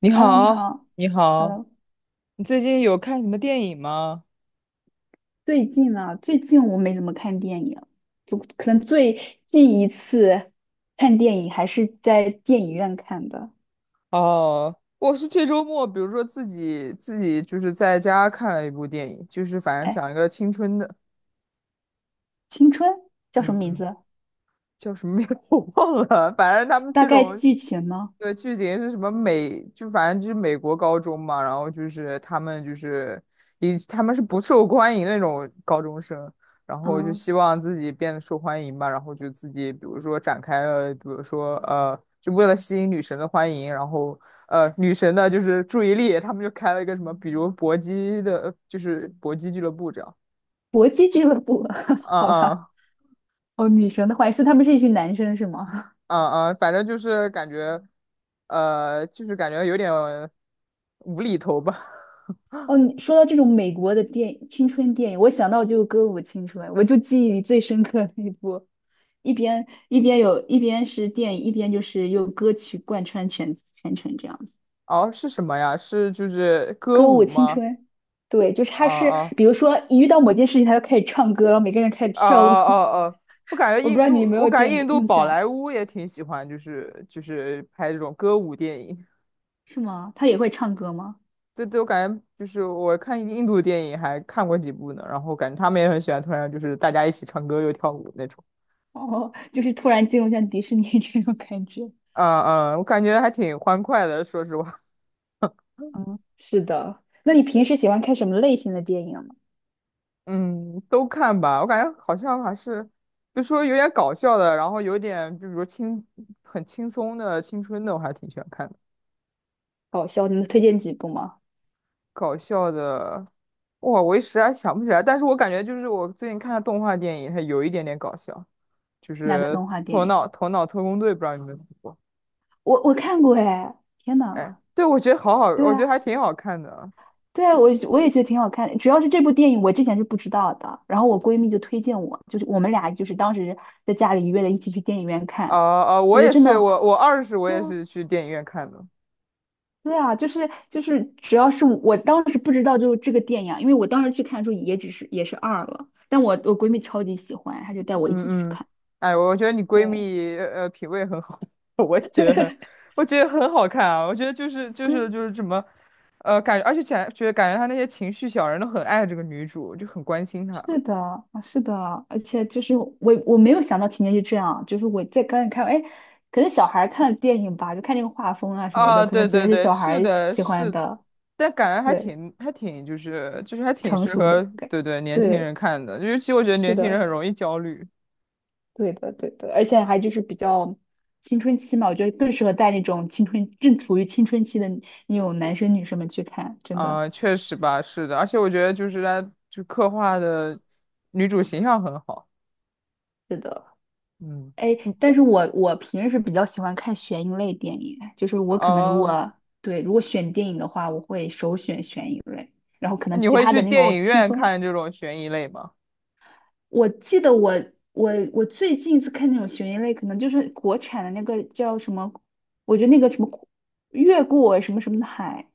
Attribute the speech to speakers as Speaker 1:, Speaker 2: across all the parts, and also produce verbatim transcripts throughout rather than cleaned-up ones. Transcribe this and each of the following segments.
Speaker 1: 你
Speaker 2: Hello，你
Speaker 1: 好，
Speaker 2: 好。
Speaker 1: 你好，
Speaker 2: Hello，
Speaker 1: 你最近有看什么电影吗？
Speaker 2: 最近啊，最近我没怎么看电影，就可能最近一次看电影还是在电影院看的。
Speaker 1: 哦，我是这周末，比如说自己自己就是在家看了一部电影，就是反正
Speaker 2: 哎，
Speaker 1: 讲一个青春的，
Speaker 2: 青春叫
Speaker 1: 嗯
Speaker 2: 什么名
Speaker 1: 嗯，
Speaker 2: 字？
Speaker 1: 叫什么名字 我忘了，反正他们
Speaker 2: 大
Speaker 1: 这
Speaker 2: 概
Speaker 1: 种
Speaker 2: 剧情呢？
Speaker 1: 对，剧情是什么美，就反正就是美国高中嘛，然后就是他们就是以他们是不受欢迎那种高中生，然后就
Speaker 2: 嗯，
Speaker 1: 希望自己变得受欢迎吧，然后就自己比如说展开了，比如说呃，就为了吸引女神的欢迎，然后呃女神的就是注意力，他们就开了一个什么，比如搏击的，就是搏击俱乐部这样，
Speaker 2: 搏击俱乐部，
Speaker 1: 啊
Speaker 2: 好吧。
Speaker 1: 啊
Speaker 2: 哦，女神的话是他们是一群男生是吗？
Speaker 1: 啊啊，反正就是感觉，呃，就是感觉有点无厘头吧。
Speaker 2: 哦，你说到这种美国的电青春电影，我想到就《歌舞青春》，我就记忆里最深刻的一部，一边一边有一边是电影，一边就是用歌曲贯穿全全程这样子。
Speaker 1: 哦，是什么呀？是就是歌
Speaker 2: 歌舞
Speaker 1: 舞
Speaker 2: 青
Speaker 1: 吗？
Speaker 2: 春，对，就是
Speaker 1: 啊
Speaker 2: 他是
Speaker 1: 啊
Speaker 2: 比如说一遇到某件事情，他就开始唱歌，然后每个人开始
Speaker 1: 啊
Speaker 2: 跳舞。
Speaker 1: 啊啊！我感觉
Speaker 2: 我不知
Speaker 1: 印
Speaker 2: 道
Speaker 1: 度，
Speaker 2: 你有没
Speaker 1: 我
Speaker 2: 有
Speaker 1: 感觉
Speaker 2: 见
Speaker 1: 印
Speaker 2: 过
Speaker 1: 度
Speaker 2: 印
Speaker 1: 宝
Speaker 2: 象，
Speaker 1: 莱坞也挺喜欢，就是就是拍这种歌舞电影。
Speaker 2: 是吗？他也会唱歌吗？
Speaker 1: 对对，我感觉就是我看印度电影还看过几部呢，然后感觉他们也很喜欢，突然就是大家一起唱歌又跳舞那种。
Speaker 2: 哦，就是突然进入像迪士尼 这种感觉。
Speaker 1: 嗯嗯，我感觉还挺欢快的，说实话。
Speaker 2: 嗯，是的。那你平时喜欢看什么类型的电影呢？
Speaker 1: 嗯，都看吧，我感觉好像还是，就说有点搞笑的，然后有点就比如轻，很轻松的青春的，我还挺喜欢看的。
Speaker 2: 搞笑，你能推荐几部吗？
Speaker 1: 搞笑的，哇，我一时还想不起来，但是我感觉就是我最近看的动画电影，它有一点点搞笑，就
Speaker 2: 哪个
Speaker 1: 是
Speaker 2: 动画
Speaker 1: 《头
Speaker 2: 电影？
Speaker 1: 脑头脑特工队》，不知道你们听过？
Speaker 2: 我我看过哎，天
Speaker 1: 哎，
Speaker 2: 呐，
Speaker 1: 对，我觉得好好，
Speaker 2: 对
Speaker 1: 我觉得还
Speaker 2: 啊，
Speaker 1: 挺好看的。
Speaker 2: 对啊，我我也觉得挺好看的。主要是这部电影我之前是不知道的，然后我闺蜜就推荐我，就是我们俩就是当时在家里约了一起去电影院
Speaker 1: 啊
Speaker 2: 看，
Speaker 1: 啊，
Speaker 2: 我
Speaker 1: 我
Speaker 2: 觉得
Speaker 1: 也
Speaker 2: 真
Speaker 1: 是，
Speaker 2: 的，
Speaker 1: 我我二是我
Speaker 2: 对
Speaker 1: 也
Speaker 2: 啊，
Speaker 1: 是去电影院看的。
Speaker 2: 对啊，就是就是主要是我当时不知道就是这个电影啊因为我当时去看的时候也只是也是二了，但我我闺蜜超级喜欢，她就带我一起去
Speaker 1: 嗯嗯，
Speaker 2: 看，
Speaker 1: 哎，我觉得你闺
Speaker 2: 对
Speaker 1: 蜜呃呃品味很好，我也觉得很，我觉得很好看啊。我觉得就是就是
Speaker 2: 对。
Speaker 1: 就是什么，呃，感觉而且感觉感觉他那些情绪小人都很爱这个女主，就很关心她。
Speaker 2: 是的，啊是的，而且就是我我没有想到情节是这样，就是我在刚才看，哎，可能小孩儿看电影吧，就看这个画风啊什么
Speaker 1: 啊，
Speaker 2: 的，可
Speaker 1: 对
Speaker 2: 能觉
Speaker 1: 对
Speaker 2: 得是
Speaker 1: 对，
Speaker 2: 小
Speaker 1: 是
Speaker 2: 孩儿
Speaker 1: 的，
Speaker 2: 喜欢
Speaker 1: 是，
Speaker 2: 的，
Speaker 1: 但感觉还
Speaker 2: 对，
Speaker 1: 挺还挺就是就是还挺
Speaker 2: 成
Speaker 1: 适
Speaker 2: 熟
Speaker 1: 合
Speaker 2: 的感，
Speaker 1: 对对年轻人
Speaker 2: 对，
Speaker 1: 看的，尤其我觉得
Speaker 2: 是
Speaker 1: 年轻人
Speaker 2: 的，
Speaker 1: 很容易焦虑
Speaker 2: 对的，对的，而且还就是比较青春期嘛，我觉得更适合带那种青春正处于青春期的那种男生女生们去看，真的，
Speaker 1: 啊，确实吧，是的，而且我觉得就是他就刻画的女主形象很好，
Speaker 2: 是的。
Speaker 1: 嗯，
Speaker 2: 哎，但是我我平时比较喜欢看悬疑类电影，就是我可能如
Speaker 1: 哦，
Speaker 2: 果对如果选电影的话，我会首选悬疑类，然后可
Speaker 1: 那
Speaker 2: 能
Speaker 1: 你
Speaker 2: 其
Speaker 1: 会
Speaker 2: 他的
Speaker 1: 去
Speaker 2: 那
Speaker 1: 电
Speaker 2: 种
Speaker 1: 影
Speaker 2: 轻
Speaker 1: 院
Speaker 2: 松。
Speaker 1: 看这种悬疑类吗？
Speaker 2: 我记得我我我最近一次看那种悬疑类，可能就是国产的那个叫什么，我觉得那个什么越过什么什么的海，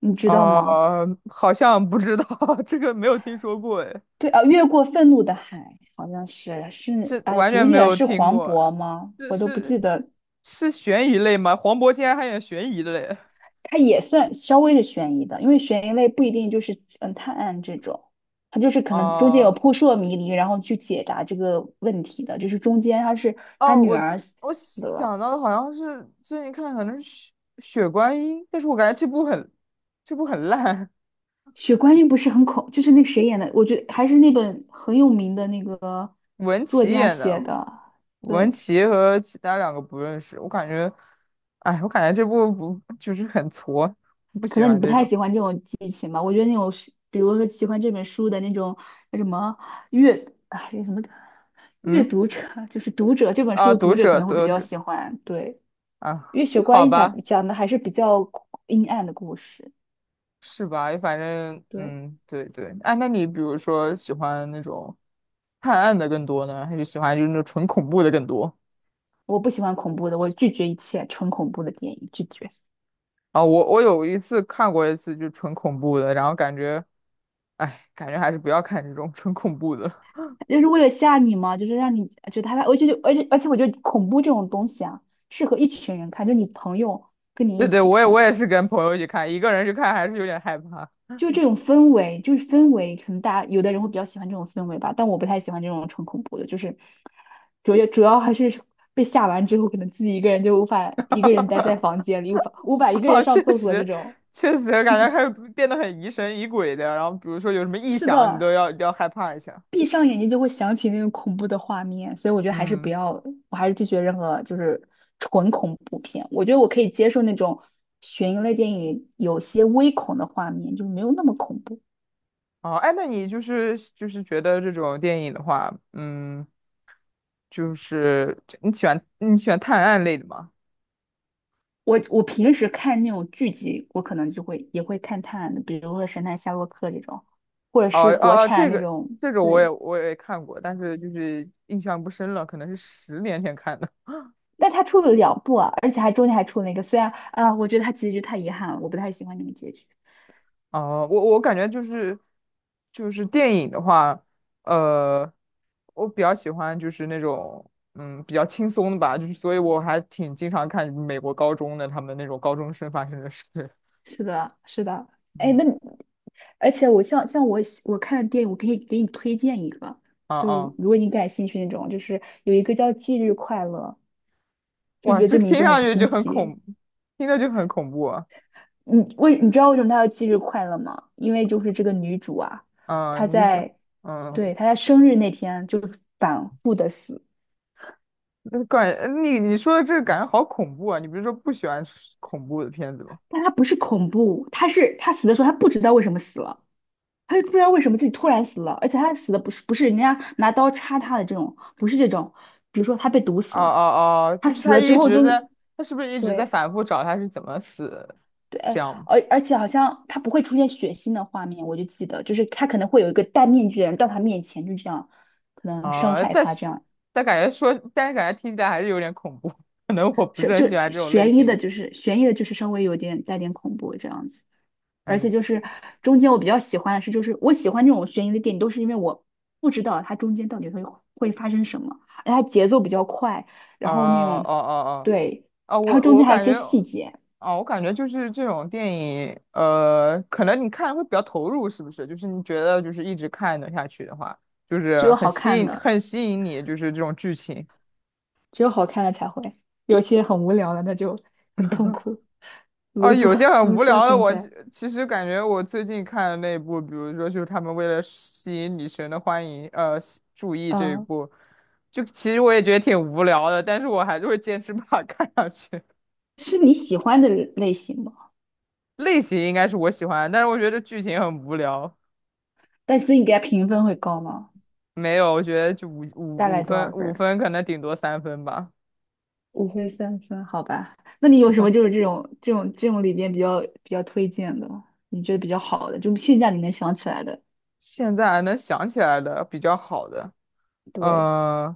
Speaker 2: 你知道
Speaker 1: 啊，
Speaker 2: 吗？
Speaker 1: 好像不知道，这个没有听说过，哎，
Speaker 2: 对啊，越过愤怒的海好像是是
Speaker 1: 是
Speaker 2: 哎，
Speaker 1: 完
Speaker 2: 主
Speaker 1: 全没
Speaker 2: 演
Speaker 1: 有
Speaker 2: 是
Speaker 1: 听
Speaker 2: 黄
Speaker 1: 过，
Speaker 2: 渤吗？
Speaker 1: 这
Speaker 2: 我都不
Speaker 1: 是
Speaker 2: 记得
Speaker 1: 是悬疑类吗？黄渤竟然还演悬疑的嘞！
Speaker 2: 它也算稍微是悬疑的，因为悬疑类不一定就是嗯探案这种，它就是可能中间有
Speaker 1: 哦、
Speaker 2: 扑朔迷离，然后去解答这个问题的。就是中间他是他
Speaker 1: 哦，
Speaker 2: 女
Speaker 1: 我
Speaker 2: 儿死
Speaker 1: 我想
Speaker 2: 了，
Speaker 1: 到的好像是最近看的，可能是雪《血观音》，但是我感觉这部很这部很烂，
Speaker 2: 血观音不是很恐，就是那个谁演的，我觉得还是那本很有名的那个
Speaker 1: 文
Speaker 2: 作
Speaker 1: 淇
Speaker 2: 家
Speaker 1: 演
Speaker 2: 写
Speaker 1: 的，
Speaker 2: 的，
Speaker 1: 文
Speaker 2: 对，
Speaker 1: 淇和其他两个不认识，我感觉，哎，我感觉这部不就是很挫，不
Speaker 2: 可
Speaker 1: 喜
Speaker 2: 能你
Speaker 1: 欢
Speaker 2: 不
Speaker 1: 这
Speaker 2: 太
Speaker 1: 种。
Speaker 2: 喜欢这种剧情吧？我觉得那种是，比如说喜欢这本书的那种那什么阅，哎，什么阅
Speaker 1: 嗯，
Speaker 2: 读者，就是读者这本
Speaker 1: 啊，
Speaker 2: 书的
Speaker 1: 读
Speaker 2: 读者可
Speaker 1: 者，
Speaker 2: 能会比
Speaker 1: 读
Speaker 2: 较
Speaker 1: 者
Speaker 2: 喜欢。对，
Speaker 1: 啊，
Speaker 2: 月雪血观
Speaker 1: 好
Speaker 2: 音》
Speaker 1: 吧，
Speaker 2: 讲讲的还是比较阴暗的故事。
Speaker 1: 是吧？反正
Speaker 2: 对，
Speaker 1: 嗯，对对。哎，那你比如说喜欢那种探案的更多呢，还是喜欢就是那种纯恐怖的更多？
Speaker 2: 我不喜欢恐怖的，我拒绝一切纯恐怖的电影，拒绝。
Speaker 1: 啊，我我有一次看过一次，就纯恐怖的，然后感觉，哎，感觉还是不要看这种纯恐怖的。
Speaker 2: 就是为了吓你嘛，就是让你觉得害怕。而且就而且而且，我觉得恐怖这种东西啊，适合一群人看，就你朋友跟你
Speaker 1: 对
Speaker 2: 一
Speaker 1: 对，
Speaker 2: 起
Speaker 1: 我也我
Speaker 2: 看。
Speaker 1: 也是跟朋友一起看，一个人去看还是有点害怕。
Speaker 2: 就这种氛围，就是氛围，可能大家有的人会比较喜欢这种氛围吧，但我不太喜欢这种纯恐怖的，就是主要主要还是 被吓完之后，可能自己一个人就无法一个人待在房 间里，无法无法一个人
Speaker 1: 啊，
Speaker 2: 上
Speaker 1: 确
Speaker 2: 厕所这
Speaker 1: 实，
Speaker 2: 种。
Speaker 1: 确实感觉还 是变得很疑神疑鬼的。然后比如说有什么异
Speaker 2: 是
Speaker 1: 响，你
Speaker 2: 的，
Speaker 1: 都要要害怕一下。
Speaker 2: 闭上眼睛就会想起那种恐怖的画面，所以我觉得还是不
Speaker 1: 嗯，
Speaker 2: 要，我还是拒绝任何就是纯恐怖片。我觉得我可以接受那种悬疑类电影有些微恐的画面，就是没有那么恐怖。
Speaker 1: 哦，哎，那你就是就是觉得这种电影的话，嗯，就是你喜欢你喜欢探案类的吗？
Speaker 2: 我我平时看那种剧集，我可能就会也会看探案的，比如说《神探夏洛克》这种，或者
Speaker 1: 哦
Speaker 2: 是国
Speaker 1: 哦哦，这
Speaker 2: 产那
Speaker 1: 个
Speaker 2: 种。
Speaker 1: 这个我也
Speaker 2: 对，
Speaker 1: 我也看过，但是就是印象不深了，可能是十年前看的。
Speaker 2: 但他出了两部啊，而且还中间还出了一个，虽然啊，我觉得他结局太遗憾了，我不太喜欢那种结局。
Speaker 1: 哦，我我感觉就是就是电影的话，呃，我比较喜欢就是那种嗯比较轻松的吧，就是所以我还挺经常看美国高中的他们那种高中生发生的事。
Speaker 2: 是的，是的。哎，
Speaker 1: 嗯
Speaker 2: 那你而且我像像我喜我看电影，我可以给你推荐一个，
Speaker 1: 啊
Speaker 2: 就是
Speaker 1: 啊，
Speaker 2: 如果你感兴趣那种，就是有一个叫《忌日快乐》，就觉
Speaker 1: 哇，
Speaker 2: 得
Speaker 1: 这
Speaker 2: 这名
Speaker 1: 听
Speaker 2: 字
Speaker 1: 上
Speaker 2: 很
Speaker 1: 去
Speaker 2: 新
Speaker 1: 就很
Speaker 2: 奇，
Speaker 1: 恐，听着就很恐怖啊。
Speaker 2: 你为你知道为什么她要忌日快乐吗？因为就是这个女主啊，她
Speaker 1: 嗯，你是
Speaker 2: 在
Speaker 1: 嗯。
Speaker 2: 对她在生日那天就是反复的死，
Speaker 1: 那感你你说的这个感觉好恐怖啊！你不是说不喜欢吃恐怖的片子吗？
Speaker 2: 但她不是恐怖，她是她死的时候她不知道为什么死了，她就不知道为什么自己突然死了，而且她死的不是不是人家拿刀插她的这种，不是这种，比如说她被毒
Speaker 1: 哦
Speaker 2: 死了，
Speaker 1: 哦哦，
Speaker 2: 她
Speaker 1: 就是
Speaker 2: 死
Speaker 1: 他
Speaker 2: 了之
Speaker 1: 一
Speaker 2: 后就
Speaker 1: 直在，他是不是一直在
Speaker 2: 对。
Speaker 1: 反复找他是怎么死的？
Speaker 2: 对，
Speaker 1: 这样吗
Speaker 2: 而而且好像她不会出现血腥的画面，我就记得，就是她可能会有一个戴面具的人到她面前，就这样可能伤
Speaker 1: 啊、
Speaker 2: 害
Speaker 1: 但
Speaker 2: 她
Speaker 1: 是
Speaker 2: 这样。
Speaker 1: 但感觉说，但是感觉听起来还是有点恐怖，可能我不是
Speaker 2: 是
Speaker 1: 很
Speaker 2: 就
Speaker 1: 喜欢这种类
Speaker 2: 悬疑的，
Speaker 1: 型。
Speaker 2: 就是悬疑的，就是稍微有点带点恐怖这样子。而且
Speaker 1: 嗯，
Speaker 2: 就是中间我比较喜欢的是，就是我喜欢这种悬疑的电影，都是因为我不知道它中间到底会会发生什么，而且它节奏比较快，
Speaker 1: 啊
Speaker 2: 然后那
Speaker 1: 哦
Speaker 2: 种
Speaker 1: 哦哦哦
Speaker 2: 对，
Speaker 1: 啊！
Speaker 2: 然后
Speaker 1: 我
Speaker 2: 中间
Speaker 1: 我
Speaker 2: 还有一
Speaker 1: 感
Speaker 2: 些
Speaker 1: 觉。
Speaker 2: 细节，
Speaker 1: 哦，我感觉就是这种电影，呃，可能你看会比较投入，是不是？就是你觉得就是一直看的下去的话，就
Speaker 2: 只
Speaker 1: 是
Speaker 2: 有
Speaker 1: 很
Speaker 2: 好
Speaker 1: 吸
Speaker 2: 看
Speaker 1: 引，
Speaker 2: 的，
Speaker 1: 很吸引你，就是这种剧情。
Speaker 2: 只有好看的才会，有些很无聊的那就很痛苦，
Speaker 1: 哦，
Speaker 2: 如坐
Speaker 1: 有些 很
Speaker 2: 如
Speaker 1: 无
Speaker 2: 坐
Speaker 1: 聊的
Speaker 2: 针
Speaker 1: 我，其
Speaker 2: 毡。
Speaker 1: 其实感觉我最近看的那一部，比如说就是他们为了吸引女神的欢迎，呃，吸注意这一
Speaker 2: 嗯，
Speaker 1: 部，就其实我也觉得挺无聊的，但是我还是会坚持把它看下去。
Speaker 2: 是你喜欢的类型吗？
Speaker 1: 类型应该是我喜欢，但是我觉得剧情很无聊。
Speaker 2: 但是你给它评分会高吗？
Speaker 1: 没有，我觉得就五
Speaker 2: 大
Speaker 1: 五
Speaker 2: 概
Speaker 1: 五
Speaker 2: 多
Speaker 1: 分，
Speaker 2: 少
Speaker 1: 五
Speaker 2: 分？
Speaker 1: 分可能顶多三分吧。
Speaker 2: 五分三分，好吧？那你有什么就是这种这种这种里边比较比较推荐的，你觉得比较好的，就现在你能想起来的，
Speaker 1: 现在还能想起来的比较好的，
Speaker 2: 对，
Speaker 1: 呃，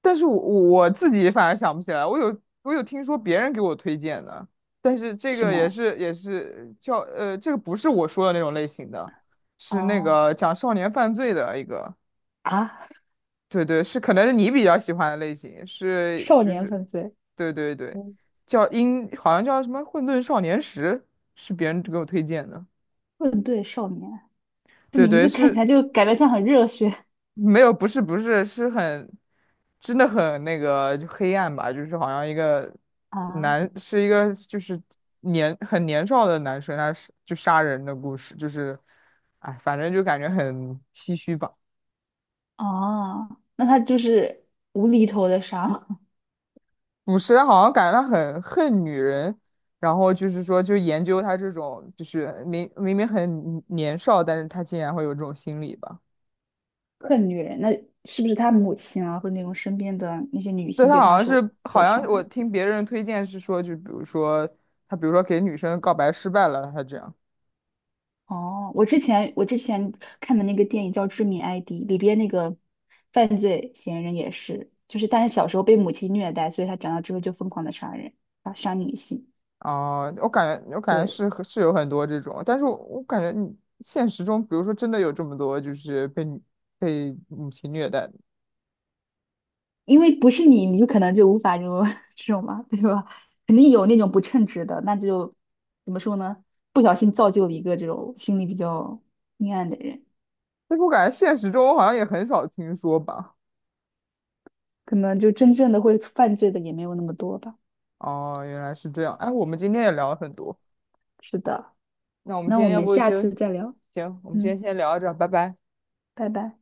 Speaker 1: 但是我我自己反而想不起来。我有我有听说别人给我推荐的，但是这
Speaker 2: 是
Speaker 1: 个也
Speaker 2: 吗？
Speaker 1: 是也是叫呃，这个不是我说的那种类型的，是那
Speaker 2: 哦
Speaker 1: 个讲少年犯罪的一个，
Speaker 2: 啊，
Speaker 1: 对对，是可能是你比较喜欢的类型，是
Speaker 2: 少
Speaker 1: 就
Speaker 2: 年
Speaker 1: 是，
Speaker 2: 犯罪，
Speaker 1: 对对对，
Speaker 2: 嗯，
Speaker 1: 叫英好像叫什么《混沌少年时》，是别人给我推荐的。
Speaker 2: 对少年，这
Speaker 1: 对
Speaker 2: 名
Speaker 1: 对，
Speaker 2: 字看起
Speaker 1: 是
Speaker 2: 来就感觉像很热血
Speaker 1: 没有，不是不是，是很，真的很那个就黑暗吧，就是好像一个
Speaker 2: 啊
Speaker 1: 男，是一个就是年很年少的男生，他是就杀人的故事，就是，哎，反正就感觉很唏嘘吧。
Speaker 2: 啊，那他就是无厘头的杀吗，
Speaker 1: 捕食人好像感觉他很恨女人，然后就是说就研究他这种，就是明明明很年少，但是他竟然会有这种心理吧。
Speaker 2: 恨女人，那是不是他母亲啊，或者那种身边的那些女
Speaker 1: 对，
Speaker 2: 性
Speaker 1: 他
Speaker 2: 对
Speaker 1: 好
Speaker 2: 他
Speaker 1: 像是，
Speaker 2: 受所
Speaker 1: 好像
Speaker 2: 伤
Speaker 1: 我
Speaker 2: 害？
Speaker 1: 听别人推荐是说，就比如说他，比如说给女生告白失败了，他这样。
Speaker 2: 哦，我之前我之前看的那个电影叫《致命 I D》，里边那个犯罪嫌疑人也是，就是但是小时候被母亲虐待，所以他长大之后就疯狂的杀人，啊，杀女性。
Speaker 1: 哦、我感觉我感觉
Speaker 2: 对，
Speaker 1: 是和是有很多这种，但是我我感觉你现实中，比如说真的有这么多就是被女被母亲虐待的，
Speaker 2: 因为不是你，你就可能就无法这种 这种嘛，对吧？肯定有那种不称职的，那就怎么说呢？不小心造就了一个这种心理比较阴暗的人，
Speaker 1: 但是我感觉现实中好像也很少听说吧。
Speaker 2: 可能就真正的会犯罪的也没有那么多吧。
Speaker 1: 哦，原来是这样。哎，我们今天也聊了很多，
Speaker 2: 是的，
Speaker 1: 那我们今
Speaker 2: 那我
Speaker 1: 天要
Speaker 2: 们
Speaker 1: 不
Speaker 2: 下次
Speaker 1: 就
Speaker 2: 再聊，
Speaker 1: 行，我们今
Speaker 2: 嗯，
Speaker 1: 天先聊到这儿，拜拜。
Speaker 2: 拜拜。